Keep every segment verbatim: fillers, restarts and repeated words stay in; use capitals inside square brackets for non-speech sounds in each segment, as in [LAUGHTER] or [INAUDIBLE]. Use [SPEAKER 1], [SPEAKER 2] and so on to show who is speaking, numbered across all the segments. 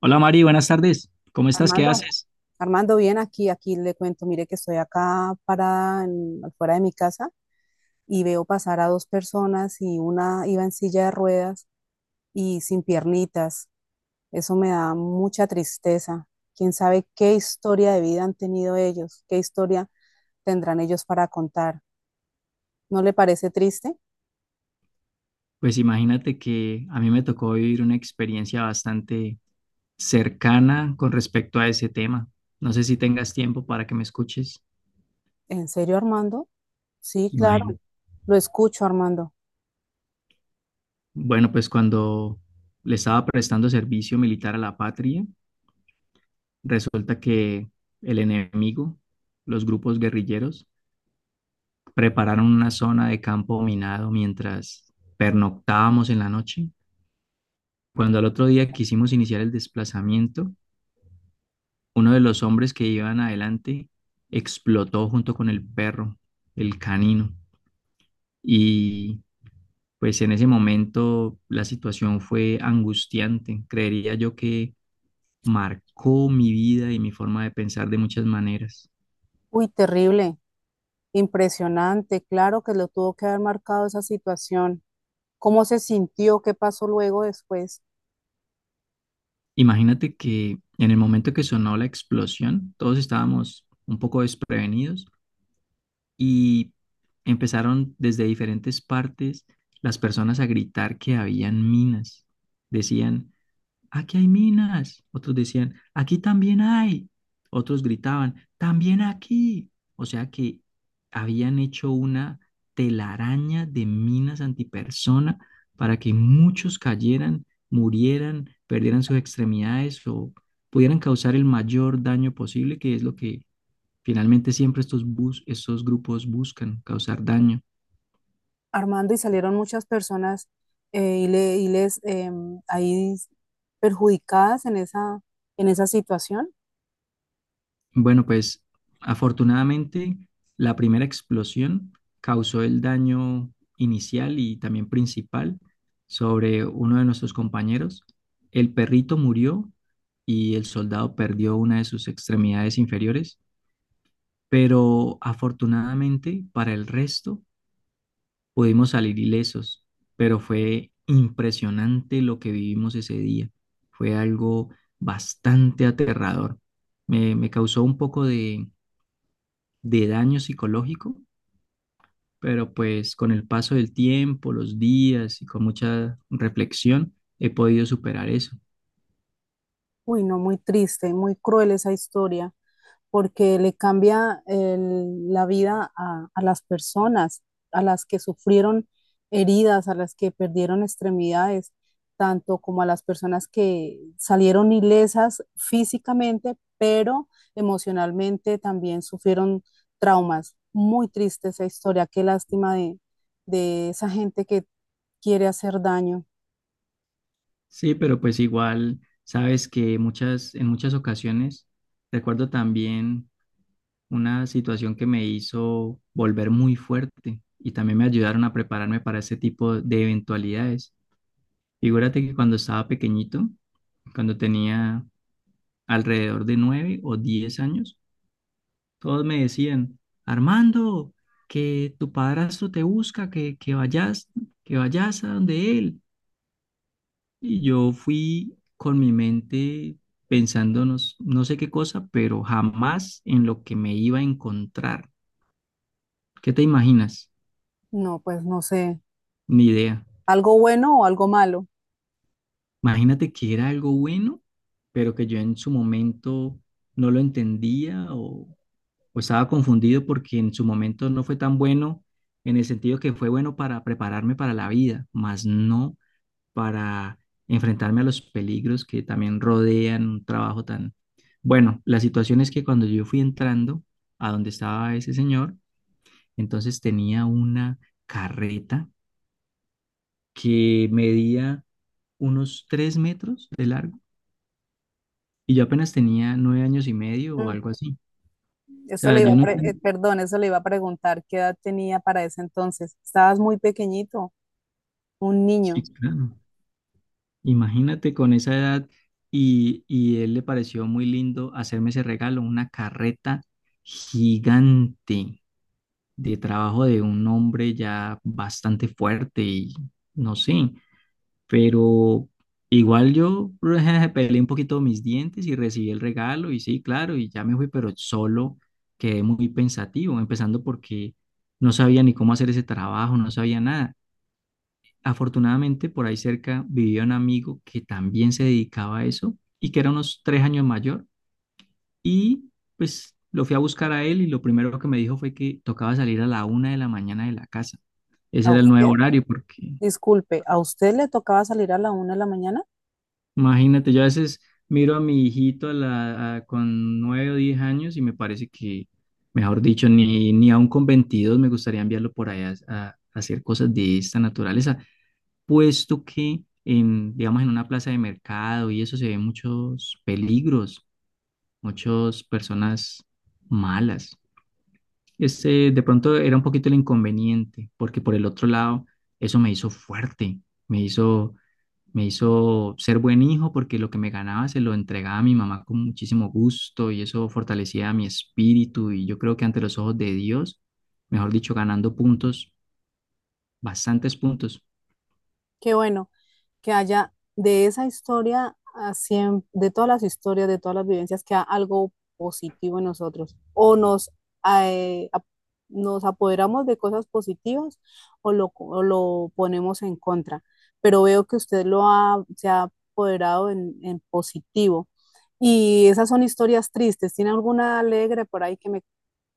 [SPEAKER 1] Hola Mari, buenas tardes. ¿Cómo estás? ¿Qué
[SPEAKER 2] Armando,
[SPEAKER 1] haces?
[SPEAKER 2] Armando, bien aquí, aquí le cuento, mire que estoy acá parada en- afuera de mi casa y veo pasar a dos personas y una iba en silla de ruedas y sin piernitas. Eso me da mucha tristeza. ¿Quién sabe qué historia de vida han tenido ellos? ¿Qué historia tendrán ellos para contar? ¿No le parece triste?
[SPEAKER 1] Pues imagínate que a mí me tocó vivir una experiencia bastante cercana con respecto a ese tema. No sé si tengas tiempo para que me escuches.
[SPEAKER 2] ¿En serio, Armando? Sí, claro.
[SPEAKER 1] Imagínate.
[SPEAKER 2] Lo escucho, Armando.
[SPEAKER 1] Bueno, pues cuando le estaba prestando servicio militar a la patria, resulta que el enemigo, los grupos guerrilleros, prepararon una zona de campo minado mientras pernoctábamos en la noche. Cuando al otro día quisimos iniciar el desplazamiento, uno de los hombres que iban adelante explotó junto con el perro, el canino, y pues en ese momento la situación fue angustiante. Creería yo que marcó mi vida y mi forma de pensar de muchas maneras.
[SPEAKER 2] Uy, terrible, impresionante. Claro que lo tuvo que haber marcado esa situación. ¿Cómo se sintió? ¿Qué pasó luego después?
[SPEAKER 1] Imagínate que en el momento que sonó la explosión, todos estábamos un poco desprevenidos y empezaron desde diferentes partes las personas a gritar que habían minas. Decían, aquí hay minas. Otros decían, aquí también hay. Otros gritaban, también aquí. O sea que habían hecho una telaraña de minas antipersona para que muchos cayeran, murieran, perdieran sus extremidades o pudieran causar el mayor daño posible, que es lo que finalmente siempre estos bus, estos grupos buscan, causar daño.
[SPEAKER 2] Armando, y salieron muchas personas eh, y, le- y les em, ahí perjudicadas en esa, en esa situación.
[SPEAKER 1] Bueno, pues afortunadamente la primera explosión causó el daño inicial y también principal sobre uno de nuestros compañeros. El perrito murió y el soldado perdió una de sus extremidades inferiores, pero afortunadamente para el resto pudimos salir ilesos, pero fue impresionante lo que vivimos ese día. Fue algo bastante aterrador. Me, me causó un poco de de daño psicológico, pero pues con el paso del tiempo, los días y con mucha reflexión he podido superar eso.
[SPEAKER 2] Uy, no, muy triste, muy cruel esa historia. Porque le cambia el- la vida a, a las personas, a las que sufrieron heridas, a las que perdieron extremidades, tanto como a las personas que salieron ilesas físicamente, pero emocionalmente también sufrieron traumas. Muy triste esa historia, qué lástima de, de esa gente que quiere hacer daño.
[SPEAKER 1] Sí, pero pues igual sabes que muchas, en muchas ocasiones recuerdo también una situación que me hizo volver muy fuerte y también me ayudaron a prepararme para ese tipo de eventualidades. Figúrate que cuando estaba pequeñito, cuando tenía alrededor de nueve o diez años, todos me decían, Armando, que tu padrastro te busca, que, que vayas, que vayas a donde él. Y yo fui con mi mente pensando no, s- no sé qué cosa, pero jamás en lo que me iba a encontrar. ¿Qué te imaginas?
[SPEAKER 2] No, pues no sé,
[SPEAKER 1] Ni idea.
[SPEAKER 2] algo bueno o algo malo.
[SPEAKER 1] Imagínate que era algo bueno, pero que yo en su momento no lo entendía o o estaba confundido porque en su momento no fue tan bueno, en el sentido que fue bueno para prepararme para la vida, más no para enfrentarme a los peligros que también rodean un trabajo tan... Bueno, la situación es que cuando yo fui entrando a donde estaba ese señor, entonces tenía una carreta que medía unos tres metros de largo y yo apenas tenía nueve años y medio o
[SPEAKER 2] Mm.
[SPEAKER 1] algo así. O
[SPEAKER 2] Eso le
[SPEAKER 1] sea,
[SPEAKER 2] iba
[SPEAKER 1] yo
[SPEAKER 2] a
[SPEAKER 1] no
[SPEAKER 2] pre- eh,
[SPEAKER 1] tenía...
[SPEAKER 2] Perdón, eso le iba a preguntar qué edad tenía para ese entonces. Estabas muy pequeñito, un niño.
[SPEAKER 1] Imagínate con esa edad y, y él le pareció muy lindo hacerme ese regalo, una carreta gigante de trabajo de un hombre ya bastante fuerte y no sé, pero igual yo [LAUGHS] peleé un poquito mis dientes y recibí el regalo y sí, claro, y ya me fui, pero solo quedé muy pensativo, empezando porque no sabía ni cómo hacer ese trabajo, no sabía nada. Afortunadamente, por ahí cerca vivía un amigo que también se dedicaba a eso y que era unos tres años mayor. Y pues lo fui a buscar a él y lo primero que me dijo fue que tocaba salir a la una de la mañana de la casa. Ese
[SPEAKER 2] ¿A
[SPEAKER 1] era el nuevo
[SPEAKER 2] usted?
[SPEAKER 1] horario porque
[SPEAKER 2] Disculpe, ¿a usted le tocaba salir a la una de la mañana?
[SPEAKER 1] imagínate, yo a veces miro a mi hijito a la- a- con nueve o diez años y me parece que, mejor dicho, ni, ni aún con veintidós me gustaría enviarlo por allá a, a hacer cosas de esta naturaleza. Puesto que en, digamos, en una plaza de mercado y eso se ven muchos peligros, muchas personas malas. Ese de pronto era un poquito el inconveniente, porque por el otro lado, eso me hizo fuerte, me hizo, me hizo ser buen hijo porque lo que me ganaba se lo entregaba a mi mamá con muchísimo gusto y eso fortalecía mi espíritu y yo creo que ante los ojos de Dios, mejor dicho, ganando puntos, bastantes puntos.
[SPEAKER 2] Qué bueno. Que haya de esa historia, a siem- de todas las historias, de todas las vivencias, que haya algo positivo en nosotros. O nos, eh, ap- Nos apoderamos de cosas positivas o lo, o lo ponemos en contra. Pero veo que usted lo ha, se ha apoderado en, en positivo. Y esas son historias tristes. ¿Tiene alguna alegre por ahí que me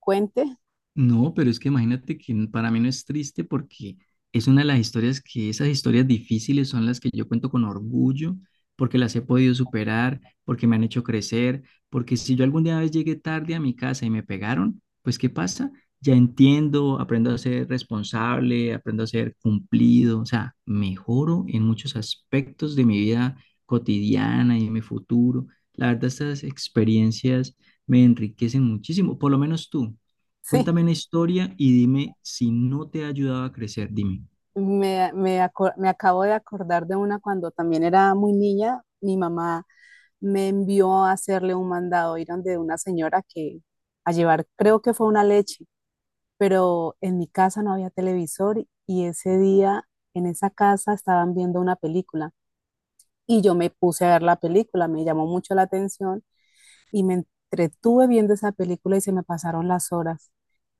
[SPEAKER 2] cuente? [LAUGHS]
[SPEAKER 1] No, pero es que imagínate que n- para mí no es triste porque es una de las historias que esas historias difíciles son las que yo cuento con orgullo, porque las he podido superar, porque me han hecho crecer, porque si yo alguna vez llegué tarde a mi casa y me pegaron, pues ¿qué pasa? Ya entiendo, aprendo a ser responsable, aprendo a ser cumplido, o sea, mejoro en muchos aspectos de mi vida cotidiana y en mi futuro. La verdad, estas experiencias me enriquecen muchísimo, por lo menos tú.
[SPEAKER 2] Sí.
[SPEAKER 1] Cuéntame una historia y dime si no te ha ayudado a crecer, dime.
[SPEAKER 2] Me, me, aco- me acabo de acordar de una cuando también era muy niña. Mi mamá me envió a hacerle un mandado, ir donde una señora que a llevar, creo que fue una leche, pero en mi casa no había televisor y ese día en esa casa estaban viendo una película y yo me puse a ver la película, me llamó mucho la atención y me entretuve viendo esa película y se me pasaron las horas.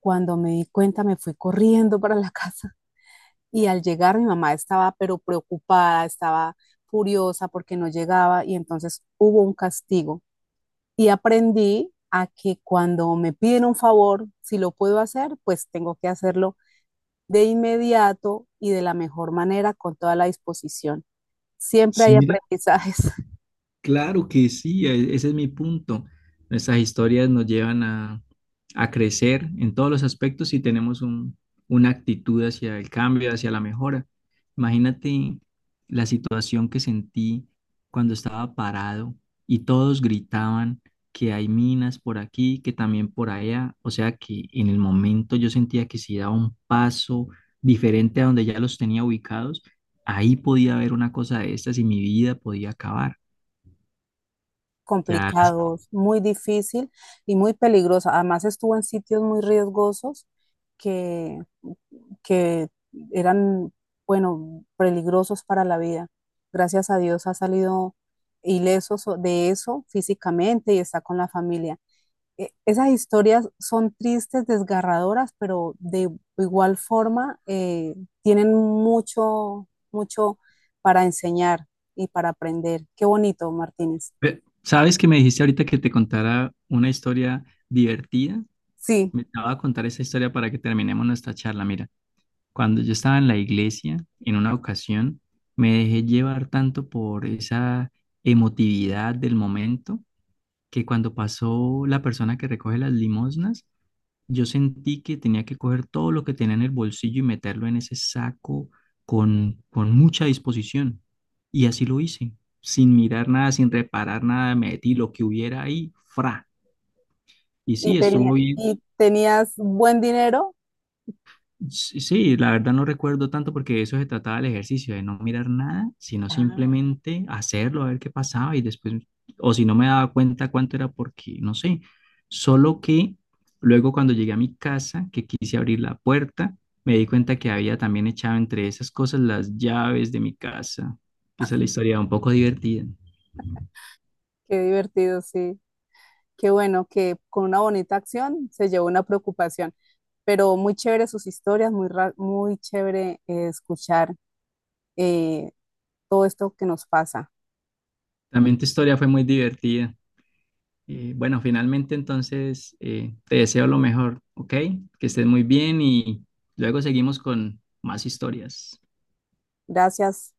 [SPEAKER 2] Cuando me di cuenta me fui corriendo para la [LAUGHS] casa. Y al llegar mi mamá estaba pero preocupada, estaba furiosa porque no llegaba y entonces hubo un castigo. Y aprendí a que cuando me piden un favor, si lo puedo hacer, pues tengo que hacerlo de inmediato y de la mejor manera con toda la disposición. Siempre
[SPEAKER 1] Sí,
[SPEAKER 2] hay
[SPEAKER 1] mira,
[SPEAKER 2] aprendizajes. [LAUGHS]
[SPEAKER 1] claro que sí, e- ese es mi punto. Nuestras historias nos llevan a, a crecer en todos los aspectos y tenemos un- una actitud hacia el cambio, hacia la mejora. Imagínate la situación que sentí cuando estaba parado y todos gritaban que hay minas por aquí, que también por allá. O sea que en el momento yo sentía que si daba un paso diferente a donde ya los tenía ubicados, ahí podía haber una cosa de estas y mi vida podía acabar. Ya.
[SPEAKER 2] Complicados, muy difícil y muy peligrosos. Además estuvo en sitios muy riesgosos que que eran, bueno, peligrosos para la vida. Gracias a Dios ha salido ileso so, de eso físicamente y está con la familia. Eh, Esas historias son tristes, desgarradoras, pero de igual forma eh, tienen mucho, mucho para enseñar y para aprender. Qué bonito, Martínez.
[SPEAKER 1] Eh, sabes que me dijiste ahorita que te contara una historia divertida.
[SPEAKER 2] Sí,
[SPEAKER 1] Me estaba a contar esa historia para que terminemos nuestra charla. Mira, cuando yo estaba en la iglesia, en una ocasión, me dejé llevar tanto por esa emotividad del momento que cuando pasó la persona que recoge las limosnas, yo sentí que tenía que coger todo lo que tenía en el bolsillo y meterlo en ese saco con, con mucha disposición. Y así lo hice, sin mirar nada, sin reparar nada, metí lo que hubiera ahí, fra. Y
[SPEAKER 2] y,
[SPEAKER 1] sí,
[SPEAKER 2] tenía-
[SPEAKER 1] estuvo bien.
[SPEAKER 2] y tenías buen dinero.
[SPEAKER 1] Sí, sí, la verdad no recuerdo tanto porque de eso se trataba el ejercicio, de no mirar nada, sino
[SPEAKER 2] Ah,
[SPEAKER 1] simplemente hacerlo, a ver qué pasaba y después, o si no me daba cuenta cuánto era porque, no sé, solo que luego cuando llegué a mi casa, que quise abrir la puerta, me di cuenta que había también echado entre esas cosas las llaves de mi casa, que esa es la historia un poco divertida.
[SPEAKER 2] qué divertido, sí. Qué bueno que con una bonita acción se llevó una preocupación, pero muy chévere sus historias, muy, ra- muy chévere eh, escuchar eh, todo esto que nos pasa.
[SPEAKER 1] También tu historia fue muy divertida. Eh, bueno, finalmente entonces eh, te deseo lo mejor, ¿ok? Que estés muy bien y luego seguimos con más historias.
[SPEAKER 2] Gracias.